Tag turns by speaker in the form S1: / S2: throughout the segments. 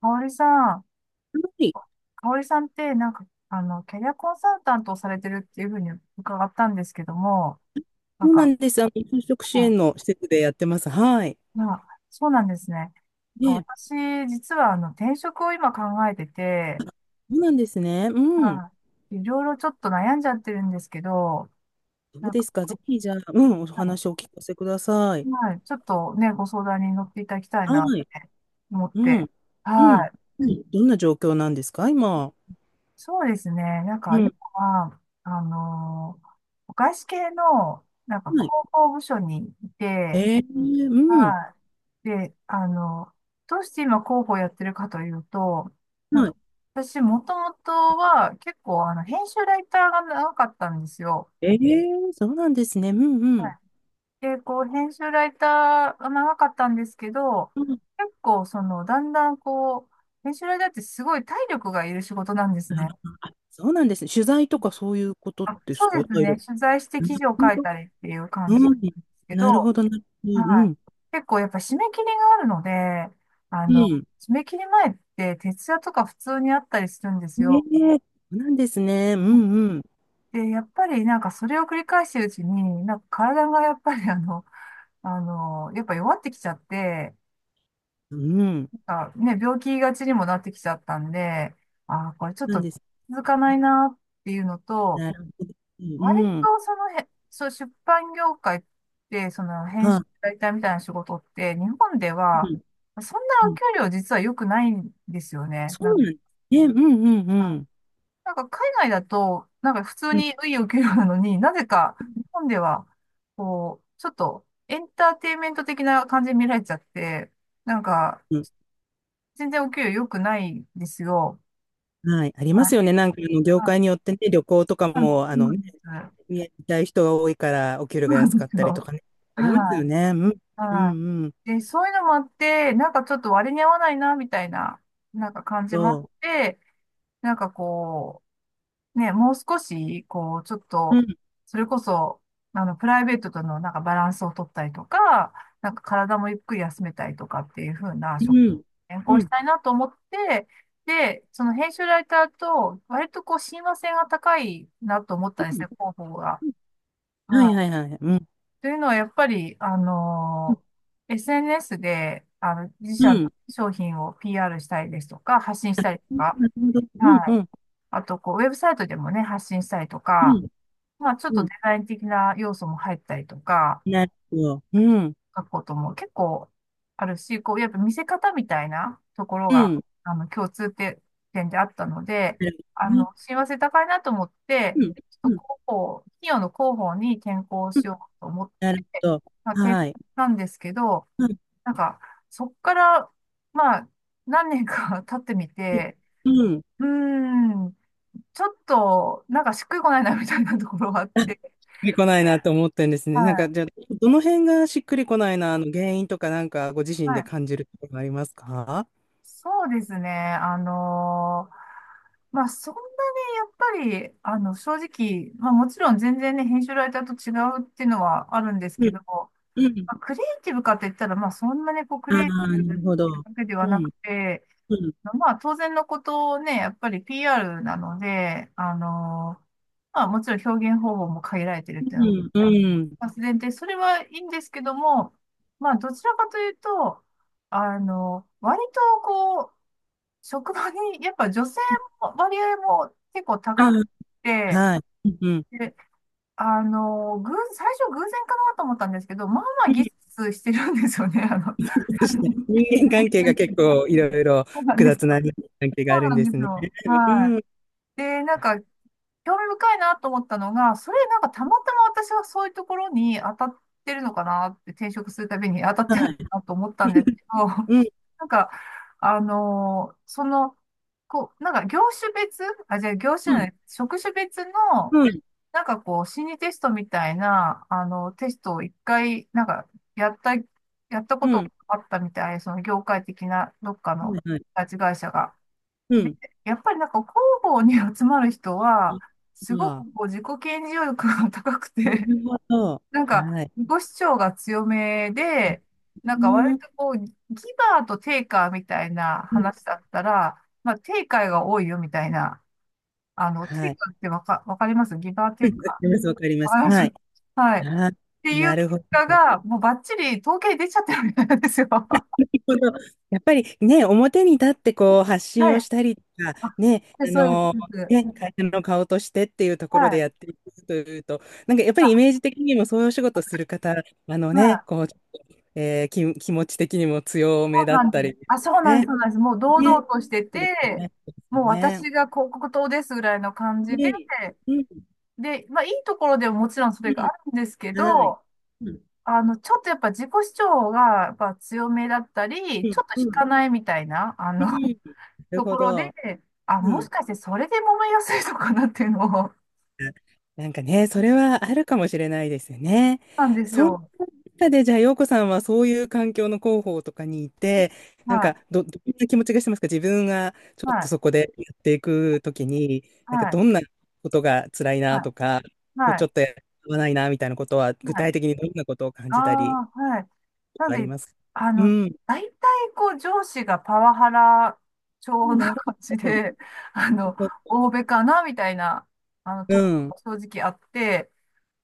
S1: かおりさん、
S2: はい。
S1: かおりさんってなんか、キャリアコンサルタントをされてるっていうふうに伺ったんですけども、なん
S2: そうな
S1: か、
S2: んです。あの、就職支
S1: うん、
S2: 援の施設でやってます。はい。
S1: まあ、そうなんですね。なん
S2: ね
S1: か
S2: え、
S1: 私、実は転職を今考えてて、
S2: そうなんですね。うん。
S1: まあ、いろいろちょっと悩んじゃってるんですけど、
S2: どう
S1: なん
S2: で
S1: か、
S2: すか。ぜひ、じゃあ、うん、お
S1: う
S2: 話をお聞かせください。
S1: ん、はい、ちょっとね、ご相談に乗っていただきたい
S2: は
S1: なっ
S2: い。
S1: て思っ
S2: う
S1: て、
S2: ん。うん。
S1: はい。
S2: はい、どんな状況なんですか、今。
S1: そうですね。なんか
S2: う
S1: 今
S2: ん。
S1: は、外資系の、なんか
S2: は
S1: 広
S2: い。
S1: 報部署にいて、
S2: うん。
S1: はい。で、どうして今広報やってるかというと、なん
S2: は
S1: か
S2: い。
S1: 私もともとは結構編集ライターが長かったんですよ。
S2: えそうなんですね。うんう
S1: は
S2: ん。
S1: い。で、こう編集ライターが長かったんですけど、
S2: うん。
S1: 結構そのだんだんこう、編集ライターってすごい体力がいる仕事なんですね。
S2: あ、そうなんですね。取材とかそういうこと
S1: あ、
S2: で
S1: そ
S2: す
S1: う
S2: か、
S1: です
S2: 体
S1: ね。
S2: 力。
S1: 取材して
S2: なる
S1: 記事を書い
S2: ほど。
S1: たりっていう感じ
S2: う
S1: なん
S2: ん。
S1: ですけ
S2: なるほ
S1: ど、
S2: ど、なるほど。う
S1: はい。
S2: ん。
S1: 結構やっぱ締め切りがあるので、あ
S2: う
S1: の、
S2: ん。
S1: 締め切り前って徹夜とか普通にあったりするんです
S2: え
S1: よ。
S2: え、そうなんですね。うんうん。
S1: で、やっぱりなんかそれを繰り返してるうちに、なんか体がやっぱりやっぱ弱ってきちゃって、
S2: うん。
S1: なんかね、病気がちにもなってきちゃったんで、ああ、これちょっ
S2: なん
S1: と
S2: です。
S1: 続かないなっていうのと、
S2: なるほど。
S1: 割
S2: うん。
S1: とそのそう、出版業界って、その編集
S2: は
S1: ライターみたいな仕事って、日本で
S2: い。
S1: は、
S2: うん。
S1: そんな
S2: う
S1: お
S2: ん。
S1: 給料実は良くないんですよね。
S2: そうなんですね。うんうん
S1: か、
S2: う
S1: あ
S2: ん。
S1: なんか海外だと、なんか普通
S2: うん
S1: にいいお給料なのに、なぜか日本では、こう、ちょっとエンターテインメント的な感じに見られちゃって、なんか、
S2: うん。
S1: 全然お給料良くないんですよ。
S2: はい。ありま
S1: はい。
S2: すよね。なんか、あの、業
S1: あ、
S2: 界によってね、旅行とか
S1: そ
S2: も、あ
S1: う
S2: の
S1: な
S2: ね、
S1: んです。
S2: 見たい人が多いから、お給
S1: そ
S2: 料
S1: う
S2: が
S1: なん
S2: 安
S1: で
S2: かっ
S1: す
S2: たりと
S1: よ。
S2: かね。ありますよ
S1: は
S2: ね。うん。
S1: い。
S2: う
S1: は
S2: んうん。
S1: い。で、そういうのもあって、なんかちょっと割に合わないな、みたいな、なんか感じ
S2: そ
S1: もあって、なんかこう、ね、もう少し、こう、ちょっ
S2: う。う
S1: と、
S2: ん。
S1: それこそ、プライベートとのなんかバランスを取ったりとか、なんか体もゆっくり休めたりとかっていう風な
S2: う
S1: 職、
S2: ん。
S1: 変
S2: う
S1: 更し
S2: ん。
S1: たいなと思って、で、その編集ライターと、割とこう、親和性が高いなと思っ
S2: う
S1: たんです
S2: ん、
S1: ね、広報が。
S2: は
S1: は
S2: いはい
S1: い。
S2: はい。うん。
S1: というのは、やっぱり、SNS で、自社
S2: う
S1: の
S2: ん。
S1: 商品を PR したりですとか、発信したりと
S2: うん、
S1: か、
S2: なるほど。
S1: は
S2: うん
S1: い。
S2: うん
S1: あと、こう、ウェブサイトでもね、発信したりと
S2: う
S1: か、
S2: ん。
S1: まあ、ちょっ
S2: う
S1: と
S2: ん。
S1: デザイン的な要素も入ったりとか、
S2: なるほど。うん。
S1: 学校とも結構あるし、こう、やっぱ見せ方みたいなところ
S2: う
S1: が、
S2: ん。
S1: 共通点であったので、
S2: なるほどね。
S1: 親和性高いなと思って、
S2: うん。
S1: ちょっ
S2: う
S1: と
S2: ん。
S1: 広報、企業の広報に転校しようと思っ
S2: なる
S1: て、
S2: ほど。
S1: まあ、転校
S2: は
S1: し
S2: い。
S1: たんですけど、
S2: うん。
S1: なんか、そっから、まあ、何年か 経ってみて、
S2: うん。し
S1: うーん、ちょっと、なんかしっくりこないなみたいなところがあって、
S2: っくりこないなと思ってんです
S1: は
S2: ね。なんか、じゃ
S1: い、
S2: あ、どの辺がしっくりこないな、あの原因とか、なんか、ご自身
S1: は
S2: で
S1: い。
S2: 感じることがありますか？
S1: そうですね。まあ、そんなにやっぱり、正直、まあ、もちろん全然ね、編集ライターと違うっていうのはあるんです
S2: う
S1: け
S2: ん、
S1: ど、ま
S2: うん。
S1: あ、クリエイティブかって言ったら、まあ、そんなにこう、ク
S2: あ
S1: リエイテ
S2: あ、
S1: ィブって
S2: な
S1: い
S2: るほ
S1: う
S2: ど。
S1: わけでは
S2: う
S1: な
S2: ん、
S1: くて、
S2: うん、
S1: まあ、当然のことをね、やっぱり PR なので、まあ、もちろん表現方法も限られてるっていうのは、
S2: うん、
S1: あの
S2: うん。
S1: まあ自然で、それはいいんですけども、まあ、どちらかというと、割とこう、職場に、やっぱ女性も割合も結構
S2: あ
S1: 高く
S2: あ、
S1: て、
S2: はい。うん、うん。
S1: で、最初偶然かなと思ったんですけど、まあま
S2: う
S1: あギ
S2: ん、
S1: スしてるんですよね、
S2: そして、人間関 係が結構いろいろ
S1: そうなん
S2: 複
S1: です
S2: 雑
S1: よ。
S2: な人間関係が
S1: そ
S2: あ
S1: う
S2: るん
S1: なん
S2: で
S1: で
S2: す
S1: す
S2: ね。
S1: よ。はい。
S2: うん、
S1: で、なんか、興味深いなと思ったのが、それなんかたまたま私はそういうところに当たってるのかなって、転職するたびに当たっ
S2: は
S1: てるのか
S2: い。
S1: なと思ったんですけど、
S2: うん、
S1: なんか、あのーその、こう、なんか業種別、あ、じゃあ業
S2: う
S1: 種
S2: ん、
S1: の、職種別の、
S2: うん、うん、
S1: なんかこう、心理テストみたいな、テストを一回、なんか、やったことがあったみたい、その業界的な、どっかの、
S2: はい。
S1: 会社が。
S2: う
S1: で、
S2: ん。
S1: やっぱりなんか広報に集まる人は、すごく
S2: ああ、
S1: こう自己顕示欲が 高く
S2: な
S1: て、
S2: るほど。
S1: なんか
S2: はい。
S1: 自己主張が強めで、なん
S2: うー
S1: か割と
S2: ん。
S1: こう、ギバーとテイカーみたいな話だったら、まあテイカーが多いよみたいな、テ
S2: は
S1: イ
S2: い。
S1: カーってわかりますギバー
S2: わ
S1: テイ
S2: か
S1: カ
S2: ります、わかり
S1: ー。
S2: ま
S1: わ
S2: す。
S1: かりま
S2: はい。
S1: す、はい。っ
S2: あー、
S1: てい
S2: な
S1: う
S2: る
S1: 結
S2: ほど。
S1: 果が、もうバッチリ統計に出ちゃってるみたいなんですよ。は
S2: このやっぱりね、表に立ってこう発
S1: い。ま
S2: 信を
S1: あ
S2: したりとか、ね、
S1: で、
S2: あ
S1: そうです。
S2: の
S1: そうです、
S2: ね、会社の顔としてっていうところ
S1: は
S2: で
S1: い。
S2: やっていくというと、なんかやっぱりイメージ的にもそういうお仕事する方、あの
S1: は
S2: ね、
S1: い。
S2: こう、ちょっと気持ち的にも強
S1: そ
S2: め
S1: う
S2: だ
S1: な
S2: っ
S1: ん
S2: た
S1: です。
S2: り、
S1: あ、そうなんです。
S2: ね、
S1: そうなんです。もう堂
S2: ね、
S1: 々として
S2: そうです
S1: て、
S2: ね、そうで
S1: もう
S2: すね。
S1: 私が広告塔ですぐらいの感じで、
S2: ね、うん、
S1: で、まあいいところでももちろんそ
S2: う
S1: れがあるんですけ
S2: ん、はい。
S1: ど、
S2: うん、
S1: ちょっとやっぱ自己主張がやっぱ強めだった
S2: う
S1: り、ち
S2: ん、
S1: ょっと引
S2: う
S1: か
S2: ん、
S1: ないみたいな、
S2: うん、なる
S1: と
S2: ほ
S1: ころで、
S2: ど。
S1: あ、
S2: う
S1: もし
S2: ん。
S1: かしてそれで揉めやすいのかなっていうのを、そう
S2: なんかね、それはあるかもしれないですよね。
S1: なんです
S2: そん
S1: よ。
S2: な中で、じゃあ、陽子さんはそういう環境の広報とかにいて、なん
S1: は
S2: か
S1: い、
S2: どんな気持ちがしてますか、自分がちょ
S1: は
S2: っと
S1: い、
S2: そこでやっていくときに、なんか
S1: はい、
S2: どんなことが辛いな
S1: は
S2: と
S1: い、
S2: か、こう
S1: は
S2: ちょ
S1: い。
S2: っとやわないなみたいなことは、具
S1: はい、
S2: 体的にどんなことを感
S1: あ
S2: じたり
S1: あ、はい。なん
S2: あり
S1: で、
S2: ますか？
S1: あ
S2: う
S1: の、
S2: ん。
S1: 大体こう上司がパワハラ調
S2: な
S1: な
S2: る
S1: 感じ
S2: ほど。
S1: で、あの、欧米かなみたいな、
S2: う
S1: とこ
S2: ん。
S1: が正直あって、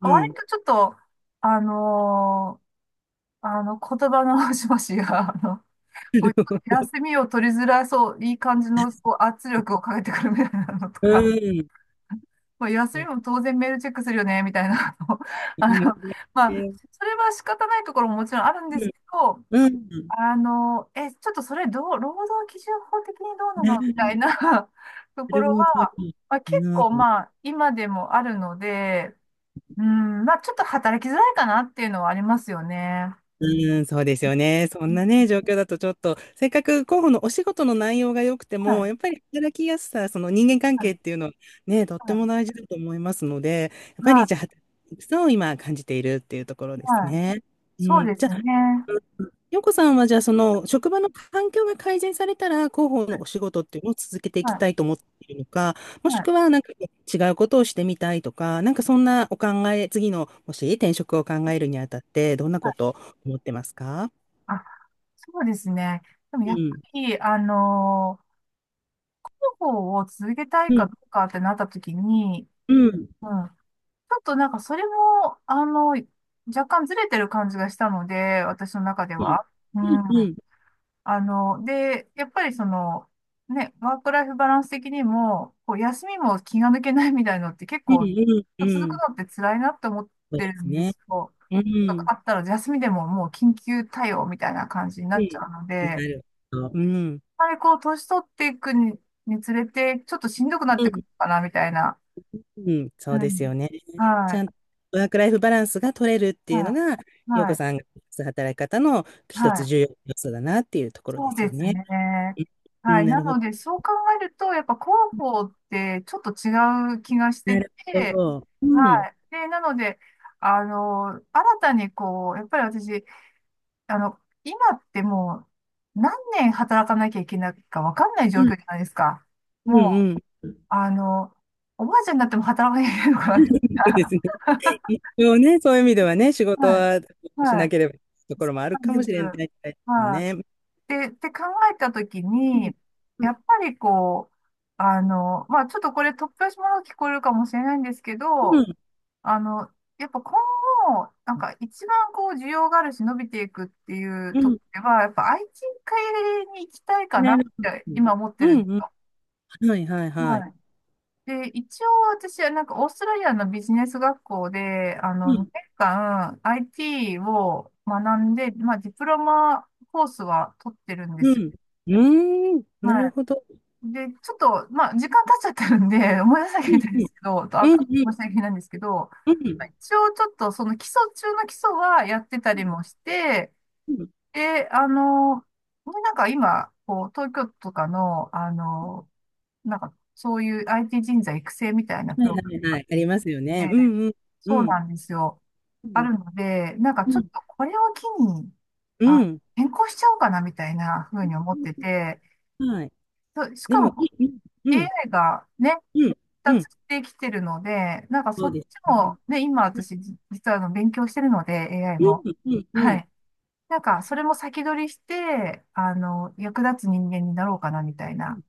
S2: う
S1: 割
S2: ん。
S1: とちょっと、あのー言葉の端々が、
S2: な
S1: こう
S2: るほど、
S1: 休みを取りづらそう、いい感じのこう圧力をかけてくるみたいなのと
S2: う
S1: か、
S2: ん。
S1: まあ、休み
S2: そ
S1: も当然メールチェックするよね、みたいなの、
S2: う
S1: あの、
S2: ね、
S1: まあ、それは仕方ないところももちろんあるんですけど、
S2: うん。
S1: え、ちょっとそれどう、労働基準法的にどう
S2: う
S1: なのみたい
S2: ん。
S1: な と
S2: な
S1: こ
S2: る
S1: ろは、
S2: ほど。
S1: まあ、結構まあ今でもあるので、うん、まあちょっと働きづらいかなっていうのはありますよね。
S2: うん、うん、そうですよね。そんなね、状況だとちょっと、せっかく候補のお仕事の内容が良くて
S1: は
S2: も、
S1: い、
S2: やっぱり働きやすさ、その人間関
S1: はい、
S2: 係っていうのはね、とっ
S1: は
S2: て
S1: い、
S2: も大事だと思いますので、やっぱ
S1: は
S2: り
S1: い、
S2: じゃあ、働きやすさを今感じているっていうところです
S1: はい、
S2: ね。う
S1: そう
S2: ん、
S1: で
S2: じ
S1: す
S2: ゃあ、
S1: ね。
S2: 洋子さんはじゃあその職場の環境が改善されたら広報のお仕事っていうのを続けていきたい
S1: は
S2: と思っているのか、
S1: い、
S2: もし
S1: はい、
S2: くはなんか違うことをしてみたいとか、なんかそんなお考え、次のもし転職を考えるにあたってどんなことを思ってますか？
S1: あ、そうですね。でも
S2: う
S1: やっぱ
S2: ん。
S1: り、広報を続けたい
S2: う
S1: か
S2: ん。
S1: どうかってなった時に、
S2: うん。
S1: うん、ちょっとなんかそれも、若干ずれてる感じがしたので、私の中で
S2: うん。
S1: は。う
S2: う
S1: ん。
S2: ん。うん。
S1: で、やっぱりその、ね、ワークライフバランス的にも、こう休みも気が抜けないみたいのって結
S2: う
S1: 構
S2: ん。うん。う
S1: 続く
S2: ん、
S1: のって辛いなって思っ
S2: そう
S1: て
S2: で
S1: る
S2: す
S1: んで
S2: ね。
S1: すよ。
S2: う
S1: なんか
S2: ん。
S1: あったら休みでももう緊急対応みたいな感じにな
S2: う
S1: っちゃ
S2: ん。
S1: うので、
S2: な
S1: やっ
S2: るほど。うん。
S1: ぱりこう年取っていくに、につれて、ちょっとしんどくなってくるかな、みたいな。
S2: うん、そう
S1: う
S2: です
S1: ん。
S2: よね。ち
S1: は
S2: ゃ
S1: い。
S2: んとワークライフバランスが取れるっていう
S1: は
S2: のが、
S1: い。
S2: 陽
S1: は
S2: 子
S1: い。
S2: さんが働き方の一
S1: は
S2: つ
S1: い。
S2: 重要な要素だなっていうところ
S1: そ
S2: で
S1: う
S2: す
S1: で
S2: よ
S1: す
S2: ね。
S1: ね。
S2: う
S1: は
S2: ん、
S1: い。
S2: な
S1: な
S2: るほ
S1: の
S2: ど。
S1: で、そう考えると、やっぱ広報ってちょっと違う気がして
S2: なるほ
S1: て、
S2: ど。うん、
S1: はい。で、なので、新たにこう、やっぱり私、今ってもう何年働かなきゃいけないかわかんない
S2: う
S1: 状
S2: ん、
S1: 況じゃないですか。
S2: うん、
S1: もう、
S2: うん。
S1: あの、おばあちゃんになっても働かなきゃいけないのかな。
S2: そうですね。一応ね、そういう意味ではね、仕 事
S1: はい。
S2: はし
S1: は
S2: な
S1: い。
S2: ければいけないところもある
S1: なん
S2: か
S1: で
S2: も
S1: す。
S2: しれな
S1: は
S2: い
S1: い。
S2: ですね。
S1: で、って考えたとき
S2: うん、
S1: に、
S2: う
S1: や
S2: ん、
S1: っぱりこう、まあちょっとこれ突拍子もの聞こえるかもしれないんですけ
S2: う
S1: ど、
S2: ん、
S1: あの、やっぱ今後、なんか一番こう需要があるし伸びていくっていう
S2: う
S1: とこ
S2: ん、
S1: ろでは、やっぱ IT 系に行きたいかな
S2: なる
S1: っ
S2: ほど。
S1: て今思ってる
S2: う
S1: んです
S2: ん、うん、
S1: よ。
S2: はい、はい、はい。
S1: はい。で、一応私はなんかオーストラリアのビジネス学校で、
S2: う
S1: 2
S2: ん、
S1: 年間 IT を学んで、まあディプロマコースは取ってるんで
S2: う
S1: すよ。
S2: ん、うーん、なるほど。
S1: で、ちょっと、まあ、時間経っちゃってるんで、思い出さなきゃいけないんですけど、と、
S2: う
S1: あ
S2: ん
S1: と、
S2: うん
S1: 申し訳ないんですけど、
S2: う
S1: まあ
S2: ん。
S1: 一応ちょっと、その基礎中の基礎はやってたりもして、
S2: うん。
S1: で、ね、なんか今、こう、東京都とかの、なんか、そういう IT 人材育成みたいな
S2: は
S1: プ
S2: い
S1: ログ
S2: は
S1: ラム
S2: い
S1: が
S2: はい。ありますよね。
S1: あっ
S2: う
S1: て、
S2: んうんう
S1: そう
S2: ん
S1: なんですよ。
S2: う
S1: あ
S2: ん
S1: るので、なんか
S2: う
S1: ちょっ
S2: ん
S1: とこれを機に、
S2: う
S1: あ、
S2: ん。
S1: 変更しちゃおうかなみたいなふうに思ってて、
S2: はい。
S1: そう、し
S2: で
S1: か
S2: も
S1: も
S2: いい、うんうん
S1: AI がね、
S2: うんう
S1: 達
S2: ん。
S1: してきてるので、なんかそ
S2: そう
S1: っち
S2: ですね。
S1: も、ね、今
S2: うん
S1: 私、実は勉強してるので、AI
S2: う
S1: も。
S2: んう
S1: は
S2: ん
S1: い。なんか、それも先取りして、役立つ人間になろうかな、みたい
S2: うん。
S1: な。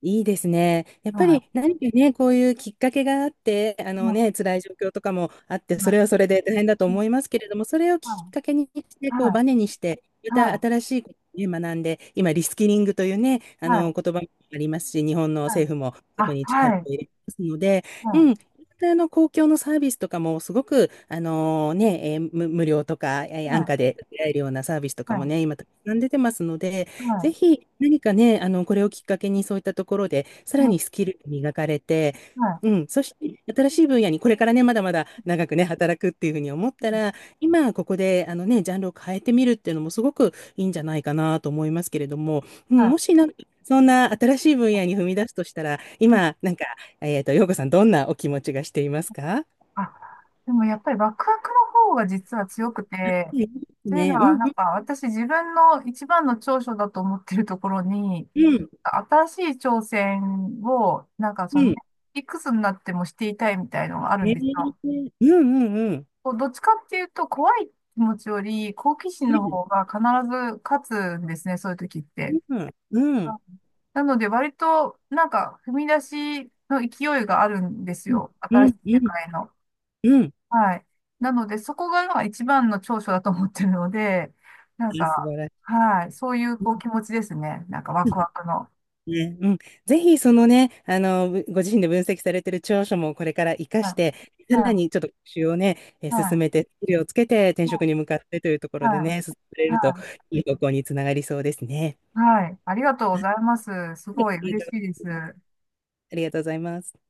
S2: いいですね。やっぱ
S1: は
S2: り何かね、こういうきっかけがあって、あ
S1: い。うん、
S2: の
S1: は
S2: ね、辛い状況とかもあって、それはそれで大変だと
S1: い、うん、
S2: 思いますけれども、それを
S1: は
S2: きっかけにして、
S1: い。
S2: こうバネにして、また
S1: は
S2: 新しいことをね、学んで、今、リスキリングというね、
S1: い。
S2: あ
S1: はい。は
S2: の言
S1: い。
S2: 葉もありますし、日本の
S1: はい、
S2: 政府もそこ
S1: あ、
S2: に力
S1: はい。
S2: を入れてますので、
S1: は
S2: うん。またあの公共のサービスとかもすごく、あのね、無料とか、
S1: い。は
S2: 安価
S1: い。
S2: で受けられるようなサービスとか
S1: は
S2: も
S1: い。
S2: ね、今たくさん出てますので、
S1: は
S2: ぜ
S1: い。
S2: ひ何かね、あの、これをきっかけにそういったところで、さら
S1: は
S2: にスキルが磨かれて、
S1: い。はい。は
S2: うん、そして新しい分野にこれからね、まだまだ長くね、働くっていうふうに思った
S1: い。
S2: ら、今ここであのね、ジャンルを変えてみるっていうのもすごくいいんじゃないかなと思いますけれども、う
S1: はい。
S2: ん、も
S1: は
S2: しなんか、そんな新しい分野に踏み出すとしたら、
S1: い。
S2: 今、なんか、陽子さん、どんなお気持ちがしていますか？
S1: あ、でもやっぱりワクワクの方が実は強く
S2: ね、うん、
S1: て、
S2: いいです
S1: というの
S2: ね、うん、
S1: は、な
S2: う
S1: ん
S2: ん、
S1: か私自分の一番の長所だと思ってるところに、
S2: うん、
S1: 新しい挑戦を、なんか
S2: う
S1: その、
S2: ん、
S1: いくつになってもしていたいみたいのがあるんですよ。
S2: うん、うん、うん、
S1: こうどっちかっていうと、怖い気持ちより好奇心
S2: う
S1: の
S2: ん、
S1: 方が必ず勝つんですね、そういう時って。
S2: うん。う
S1: う
S2: ん
S1: ん、なので、割と、なんか、踏み出しの勢いがあるんです
S2: うん、
S1: よ。
S2: う
S1: 新しい
S2: ん、う
S1: 世
S2: ん、
S1: 界の。
S2: うん。
S1: はい。なので、そこが今一番の長所だと思ってるので、なん
S2: あ、素
S1: か、
S2: 晴らし
S1: はい。そういう
S2: い。う
S1: こう
S2: ん、
S1: 気持ちですね。なんかワクワクの。
S2: ね、うん、ぜひそのね、あの、ご自身で分析されてる長所もこれから活か
S1: は
S2: して、
S1: い。
S2: さ
S1: は
S2: ら
S1: い。
S2: にちょっと復習をね、
S1: は
S2: 進
S1: い。
S2: めて、スキルをつけて転職に向かってというところ
S1: は
S2: でね、進めれ
S1: い。は
S2: る
S1: い。
S2: と
S1: はい。
S2: いい方向につながりそうですね。
S1: はい、ありがとうございます。す
S2: はい、
S1: ごい
S2: あり
S1: 嬉
S2: がとう
S1: しいで
S2: ござ
S1: す。
S2: います。ありがとうございます。